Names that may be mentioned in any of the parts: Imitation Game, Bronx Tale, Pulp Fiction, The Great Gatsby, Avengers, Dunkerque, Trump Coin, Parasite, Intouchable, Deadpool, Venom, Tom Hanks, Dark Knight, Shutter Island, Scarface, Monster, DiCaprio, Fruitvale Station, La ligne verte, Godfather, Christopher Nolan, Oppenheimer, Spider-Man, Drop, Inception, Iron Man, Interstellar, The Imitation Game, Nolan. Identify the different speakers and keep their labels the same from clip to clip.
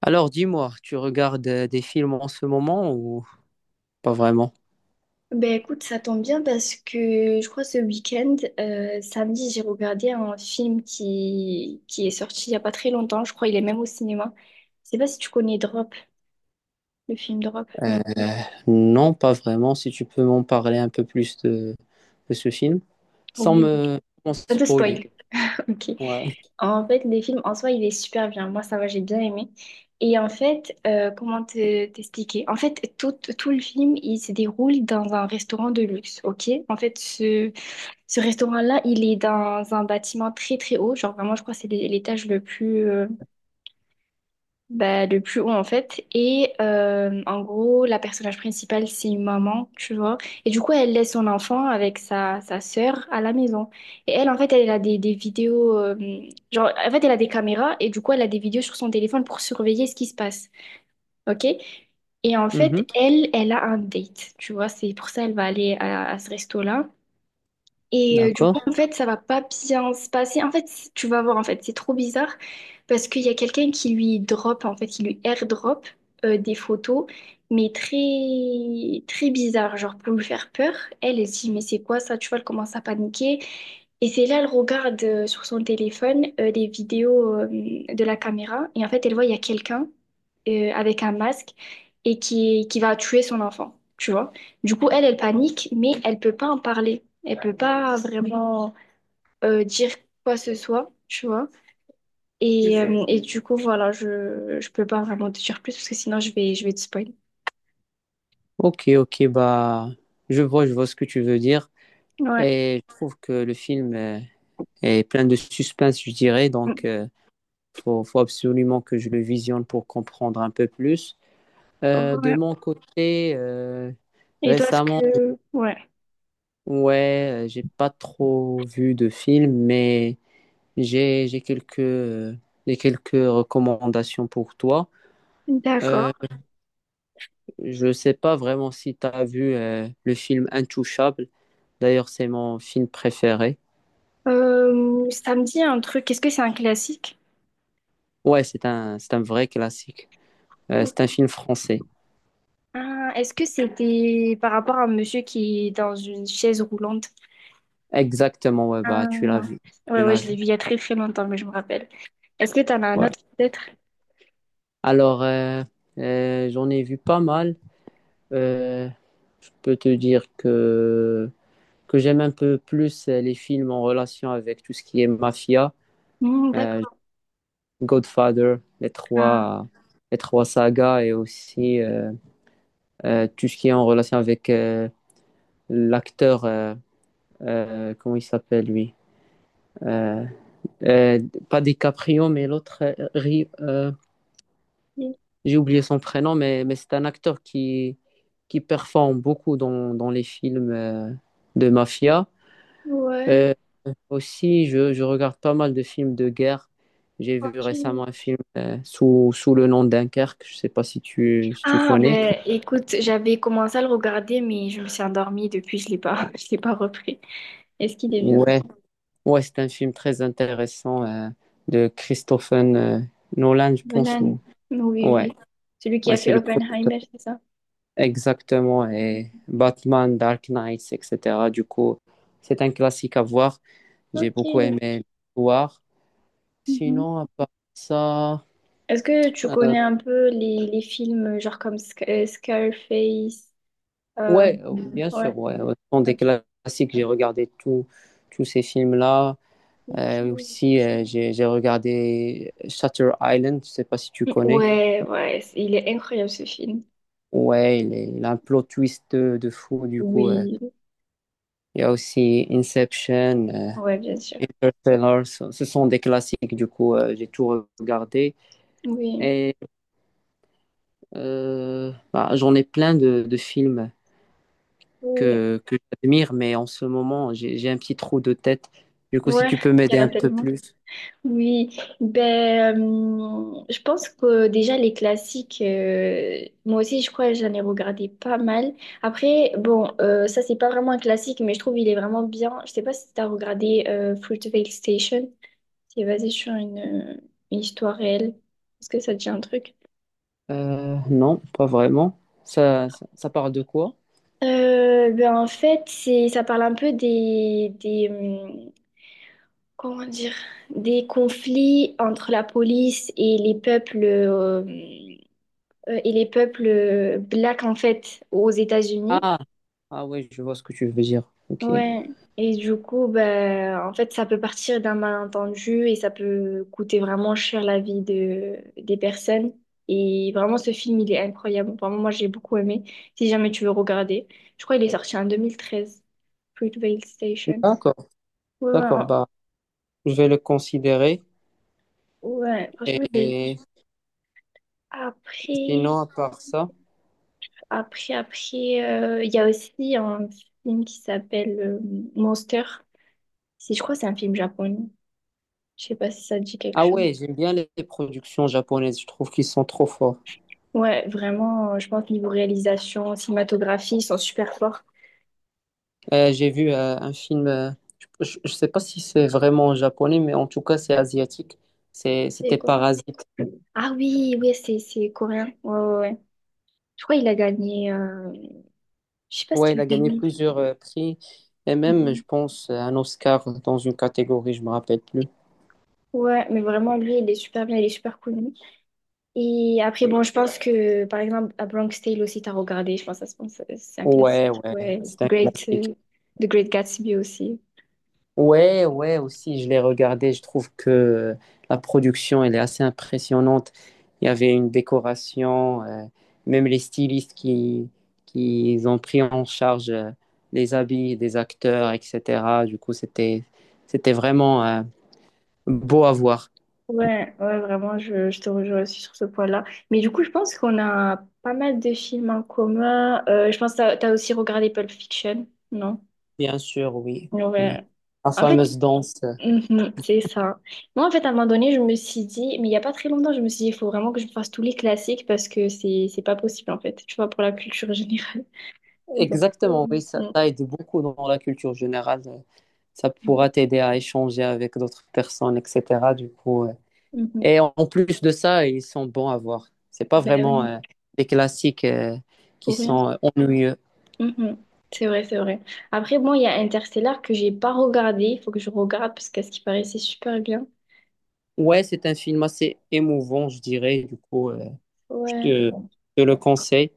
Speaker 1: Alors, dis-moi, tu regardes des films en ce moment ou pas vraiment?
Speaker 2: Ben écoute, ça tombe bien parce que je crois ce week-end, samedi, j'ai regardé un film qui est sorti il n'y a pas très longtemps. Je crois il est même au cinéma. Je sais pas si tu connais Drop, le film Drop.
Speaker 1: Euh, non, pas vraiment. Si tu peux m'en parler un peu plus de ce film, sans
Speaker 2: Oui.
Speaker 1: me sans
Speaker 2: Un peu
Speaker 1: spoiler.
Speaker 2: spoil. Ok.
Speaker 1: Ouais.
Speaker 2: En fait, les films en soi, il est super bien. Moi, ça va, j'ai bien aimé. Et en fait, comment t'expliquer? En fait, tout le film, il se déroule dans un restaurant de luxe. Ok? En fait, ce Ce restaurant-là, il est dans un bâtiment très très haut, genre vraiment je crois que c'est l'étage le plus bah, le plus haut en fait. Et en gros, la personnage principale, c'est une maman, tu vois. Et du coup, elle laisse son enfant avec sa sœur à la maison. Et elle en fait, elle a des vidéos genre en fait, elle a des caméras et du coup, elle a des vidéos sur son téléphone pour surveiller ce qui se passe. OK? Et en fait,
Speaker 1: Mhm,
Speaker 2: elle a un date, tu vois, c'est pour ça elle va aller à ce resto-là. Et du
Speaker 1: d'accord.
Speaker 2: coup, en fait, ça va pas bien se passer. En fait, tu vas voir, en fait, c'est trop bizarre parce qu'il y a quelqu'un qui lui drop, en fait, qui lui airdrop des photos, mais très, très bizarre, genre pour lui faire peur. Elle se dit, mais c'est quoi ça? Tu vois, elle commence à paniquer. Et c'est là, elle regarde sur son téléphone les vidéos de la caméra et en fait, elle voit, il y a quelqu'un avec un masque et qui va tuer son enfant, tu vois. Du coup, elle panique, mais elle peut pas en parler. Elle peut pas vraiment dire quoi que ce soit, tu vois. Et du coup, voilà, je peux pas vraiment te dire plus parce que sinon, je vais te spoiler.
Speaker 1: Ok, ok, bah, je vois ce que tu veux dire.
Speaker 2: Ouais.
Speaker 1: Et je trouve que le film est plein de suspense, je dirais. Donc, faut absolument que je le visionne pour comprendre un peu plus. De
Speaker 2: Ouais.
Speaker 1: mon côté,
Speaker 2: Et toi, est-ce
Speaker 1: récemment,
Speaker 2: que... Ouais.
Speaker 1: Ouais, j'ai pas trop vu de films, mais j'ai quelques j'ai quelques recommandations pour toi.
Speaker 2: D'accord.
Speaker 1: Euh, je sais pas vraiment si tu as vu le film Intouchable. D'ailleurs, c'est mon film préféré.
Speaker 2: Ça me dit un truc. Est-ce que c'est un classique?
Speaker 1: Ouais, c'est un vrai classique. C'est un film français.
Speaker 2: Ah, est-ce que c'était par rapport à un monsieur qui est dans une chaise roulante?
Speaker 1: Exactement, ouais, bah
Speaker 2: Ah,
Speaker 1: tu l'as vu. Tu
Speaker 2: ouais,
Speaker 1: l'as
Speaker 2: je l'ai
Speaker 1: vu.
Speaker 2: vu il y a très très longtemps, mais je me rappelle. Est-ce que t'en as un
Speaker 1: Ouais.
Speaker 2: autre peut-être?
Speaker 1: Alors, j'en ai vu pas mal. Euh, je peux te dire que j'aime un peu plus les films en relation avec tout ce qui est mafia,
Speaker 2: Hmm,
Speaker 1: euh,
Speaker 2: d'accord.
Speaker 1: Godfather, les trois sagas et aussi tout ce qui est en relation avec l'acteur, comment il s'appelle lui? Euh, euh, pas DiCaprio, mais l'autre, j'ai oublié son prénom, mais c'est un acteur qui performe beaucoup dans les films de mafia.
Speaker 2: Ouais,
Speaker 1: Euh, aussi, je regarde pas mal de films de guerre. J'ai vu
Speaker 2: ok.
Speaker 1: récemment un film sous le nom Dunkerque. Je sais pas si tu
Speaker 2: Ah,
Speaker 1: connais.
Speaker 2: ben écoute, j'avais commencé à le regarder, mais je me suis endormie depuis, je l'ai pas, je l'ai pas repris. Est-ce qu'il est bien?
Speaker 1: Ouais, ouais, c'est un film très intéressant de Christopher Nolan, je pense.
Speaker 2: Nolan.
Speaker 1: Ou-
Speaker 2: Oui,
Speaker 1: Ouais,
Speaker 2: oui. Celui qui
Speaker 1: ouais,
Speaker 2: a
Speaker 1: c'est
Speaker 2: fait
Speaker 1: le producteur.
Speaker 2: Oppenheimer, c'est ça?
Speaker 1: Exactement. Et
Speaker 2: Oui.
Speaker 1: Batman, Dark Knight, etc. Du coup, c'est un classique à voir. J'ai
Speaker 2: Ok.
Speaker 1: beaucoup aimé l'histoire.
Speaker 2: Mhm.
Speaker 1: Sinon, à part ça.
Speaker 2: Est-ce que tu connais un peu les films, genre comme Scarface?
Speaker 1: Ouais,
Speaker 2: Mhm.
Speaker 1: bien
Speaker 2: Ouais,
Speaker 1: sûr, ouais. Autant des
Speaker 2: ok.
Speaker 1: classiques, tous ces films-là.
Speaker 2: Ok.
Speaker 1: Aussi, j'ai regardé Shutter Island, je sais pas si tu connais.
Speaker 2: Il est incroyable ce film.
Speaker 1: Ouais, il a un plot twist de fou, du coup.
Speaker 2: Oui,
Speaker 1: Il y a aussi Inception,
Speaker 2: ouais, bien sûr.
Speaker 1: Interstellar, ce sont des classiques, du coup, j'ai tout regardé.
Speaker 2: Oui.
Speaker 1: Et bah, j'en ai plein de films
Speaker 2: Oui.
Speaker 1: que j'admire, mais en ce moment, j'ai un petit trou de tête. Du coup, si
Speaker 2: Ouais,
Speaker 1: tu peux
Speaker 2: il
Speaker 1: m'aider
Speaker 2: y en a
Speaker 1: un peu
Speaker 2: tellement.
Speaker 1: plus.
Speaker 2: Oui, ben, je pense que déjà les classiques, moi aussi je crois que j'en ai regardé pas mal. Après, bon, ça c'est pas vraiment un classique, mais je trouve il est vraiment bien. Je sais pas si t'as regardé Fruitvale Station, c'est basé sur une histoire réelle. Est-ce que ça te dit un truc?
Speaker 1: Non, pas vraiment. Ça parle de quoi?
Speaker 2: Ben en fait, ça parle un peu comment dire, des conflits entre la police et les peuples. Et les peuples blacks en fait aux États-Unis.
Speaker 1: Ah, ah oui, je vois ce que tu veux dire. Ok.
Speaker 2: Ouais. Et du coup, bah, en fait, ça peut partir d'un malentendu et ça peut coûter vraiment cher la vie des personnes. Et vraiment, ce film, il est incroyable. Vraiment, moi, j'ai beaucoup aimé. Si jamais tu veux regarder, je crois qu'il est sorti en 2013, Fruitvale Station.
Speaker 1: D'accord,
Speaker 2: Ouais, ouais,
Speaker 1: d'accord.
Speaker 2: en-
Speaker 1: Bah, je vais le considérer.
Speaker 2: ouais, franchement, je l'ai vu.
Speaker 1: Et
Speaker 2: Après,
Speaker 1: sinon, à part ça.
Speaker 2: après, il y a aussi un film qui s'appelle Monster. Si je crois que c'est un film japonais. Je sais pas si ça te dit quelque
Speaker 1: Ah
Speaker 2: chose.
Speaker 1: ouais, j'aime bien les productions japonaises. Je trouve qu'ils sont trop forts.
Speaker 2: Ouais, vraiment, je pense niveau réalisation, cinématographie, ils sont super forts.
Speaker 1: J'ai vu un film. Je ne sais pas si c'est vraiment japonais, mais en tout cas, c'est asiatique.
Speaker 2: Et
Speaker 1: C'était
Speaker 2: quoi?
Speaker 1: Parasite.
Speaker 2: Ah oui, oui, c'est coréen. Ouais, ouais, ouais. Je crois qu'il a gagné. Je sais pas ce
Speaker 1: Ouais,
Speaker 2: qu'il
Speaker 1: il
Speaker 2: a
Speaker 1: a gagné
Speaker 2: gagné.
Speaker 1: plusieurs prix. Et même,
Speaker 2: Mhm.
Speaker 1: je pense, un Oscar dans une catégorie, je me rappelle plus.
Speaker 2: Ouais, mais vraiment, lui, il est super bien, il est super connu. Et après, bon, je pense que, par exemple, à Bronx Tale aussi, t'as regardé, je pense, ça ce pense c'est un
Speaker 1: Ouais,
Speaker 2: classique.
Speaker 1: ouais, c'est un classique.
Speaker 2: The Great Gatsby aussi.
Speaker 1: Ouais, ouais, aussi, je l'ai regardé. Je trouve que la production, elle est assez impressionnante. Il y avait une décoration, même les stylistes qui ont pris en charge les habits des acteurs, etc. Du coup, c'était vraiment beau à voir.
Speaker 2: Ouais, ouais, vraiment, je te rejoins aussi sur ce point-là. Mais du coup, je pense qu'on a pas mal de films en commun. Je pense que t'as aussi regardé Pulp Fiction, non?
Speaker 1: Bien sûr, oui, oui.
Speaker 2: Ouais.
Speaker 1: La
Speaker 2: En fait,
Speaker 1: fameuse danse.
Speaker 2: mhm, c'est ça. Moi, en fait, à un moment donné, je me suis dit, mais il y a pas très longtemps, je me suis dit, il faut vraiment que je fasse tous les classiques parce que c'est pas possible, en fait, tu vois, pour la culture générale. Donc,
Speaker 1: Exactement,
Speaker 2: mhm,
Speaker 1: oui, ça aide beaucoup dans la culture générale. Ça
Speaker 2: mhm.
Speaker 1: pourra t'aider à échanger avec d'autres personnes, etc. Du coup,
Speaker 2: Mhm.
Speaker 1: Et en en plus de ça, ils sont bons à voir. C'est pas
Speaker 2: Ben
Speaker 1: vraiment
Speaker 2: oui,
Speaker 1: des classiques qui
Speaker 2: pour rien.
Speaker 1: sont ennuyeux.
Speaker 2: Mhm. C'est vrai, c'est vrai. Après, bon, il y a Interstellar que j'ai pas regardé. Il faut que je regarde parce qu'à ce qui paraît, c'est super bien.
Speaker 1: Ouais, c'est un film assez émouvant, je dirais. Du coup, je te,
Speaker 2: Ouais,
Speaker 1: je te le conseille.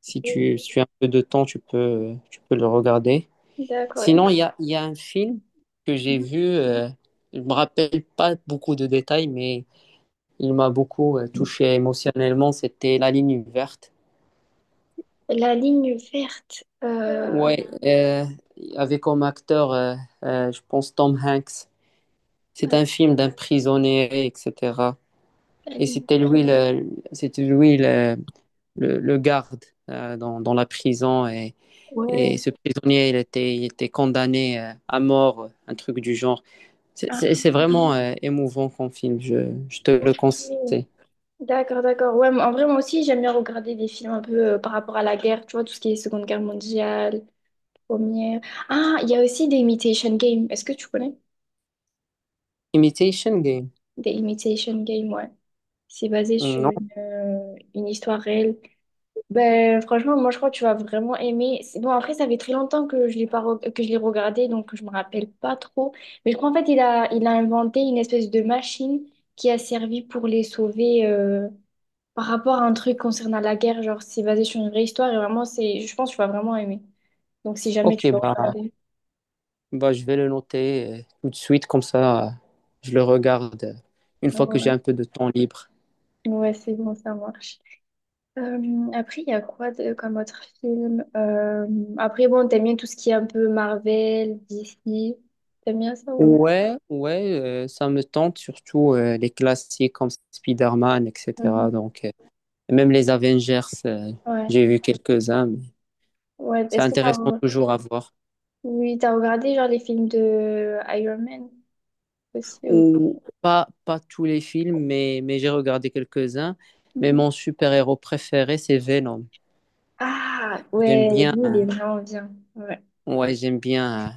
Speaker 1: Si tu as un peu de temps, tu peux le regarder.
Speaker 2: d'accord.
Speaker 1: Sinon, il y a un film que j'ai
Speaker 2: Mhm.
Speaker 1: vu. Je me rappelle pas beaucoup de détails, mais il m'a beaucoup touché émotionnellement, c'était La ligne verte.
Speaker 2: La ligne verte.
Speaker 1: Ouais, avec comme acteur, je pense Tom Hanks. C'est un film d'un prisonnier, etc.
Speaker 2: La
Speaker 1: Et
Speaker 2: ligne.
Speaker 1: c'était lui le, c'était lui le, le, le garde dans la prison. Et
Speaker 2: Ouais.
Speaker 1: ce prisonnier, il était condamné à mort, un truc du genre. C'est
Speaker 2: Ah,
Speaker 1: vraiment émouvant comme film, je te le
Speaker 2: ok.
Speaker 1: conseille.
Speaker 2: D'accord, d'accord. Ouais, mais en vrai, moi aussi, j'aime bien regarder des films un peu par rapport à la guerre. Tu vois, tout ce qui est Seconde Guerre mondiale, Première. Ah, il y a aussi The Imitation Game. Est-ce que tu connais?
Speaker 1: Imitation Game.
Speaker 2: The Imitation Game, ouais. C'est basé sur
Speaker 1: Non?
Speaker 2: une histoire réelle. Ben, franchement, moi je crois que tu vas vraiment aimer. C'est- Bon, après, ça fait très longtemps que je l'ai pas re- que je l'ai regardé, donc je me rappelle pas trop. Mais je crois en fait, il a inventé une espèce de machine qui a servi pour les sauver par rapport à un truc concernant la guerre. Genre, c'est basé sur une vraie histoire et vraiment, c'est, je pense que tu vas vraiment aimer. Donc, si jamais
Speaker 1: Ok,
Speaker 2: tu veux
Speaker 1: bah,
Speaker 2: regarder.
Speaker 1: bah, je vais le noter tout de suite, comme ça, je le regarde une fois que j'ai
Speaker 2: Ouais,
Speaker 1: un peu de temps libre.
Speaker 2: ouais, c'est bon, ça marche. Après, il y a quoi comme autre film? Après, bon, t'aimes bien tout ce qui est un peu Marvel, DC. T'aimes bien ça ou...
Speaker 1: Ouais, ouais, ça me tente, surtout les classiques comme Spider-Man, etc.
Speaker 2: Mhm.
Speaker 1: Donc, même les Avengers,
Speaker 2: Ouais.
Speaker 1: j'ai vu quelques-uns, mais
Speaker 2: Ouais.
Speaker 1: c'est
Speaker 2: Est-ce que t'as
Speaker 1: intéressant
Speaker 2: re-
Speaker 1: toujours à voir.
Speaker 2: oui, t'as regardé genre les films de Iron Man aussi ou pas.
Speaker 1: Ou pas, pas tous les films, mais j'ai regardé quelques-uns. Mais
Speaker 2: Mhm.
Speaker 1: mon super-héros préféré, c'est Venom.
Speaker 2: Ah
Speaker 1: J'aime
Speaker 2: ouais,
Speaker 1: bien,
Speaker 2: lui il est vraiment bien. Ouais.
Speaker 1: ouais, j'aime bien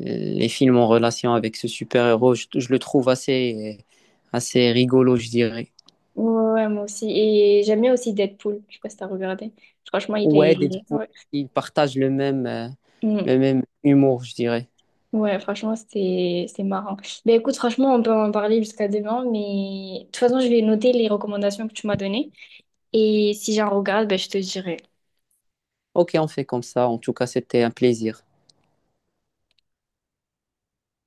Speaker 1: les films en relation avec ce super-héros, je le trouve assez rigolo, je dirais.
Speaker 2: Ouais, ouais, moi aussi. Et j'aime bien aussi Deadpool. Je sais pas si t'as regardé. Franchement, il
Speaker 1: Ouais,
Speaker 2: est.
Speaker 1: Deadpool,
Speaker 2: Ouais,
Speaker 1: ils partagent
Speaker 2: Mm.
Speaker 1: le même humour, je dirais.
Speaker 2: Ouais, franchement, c'était marrant. Mais écoute, franchement, on peut en parler jusqu'à demain, mais de toute façon, je vais noter les recommandations que tu m'as données. Et si j'en regarde, ben, je te dirai.
Speaker 1: Ok, on fait comme ça. En tout cas, c'était un plaisir.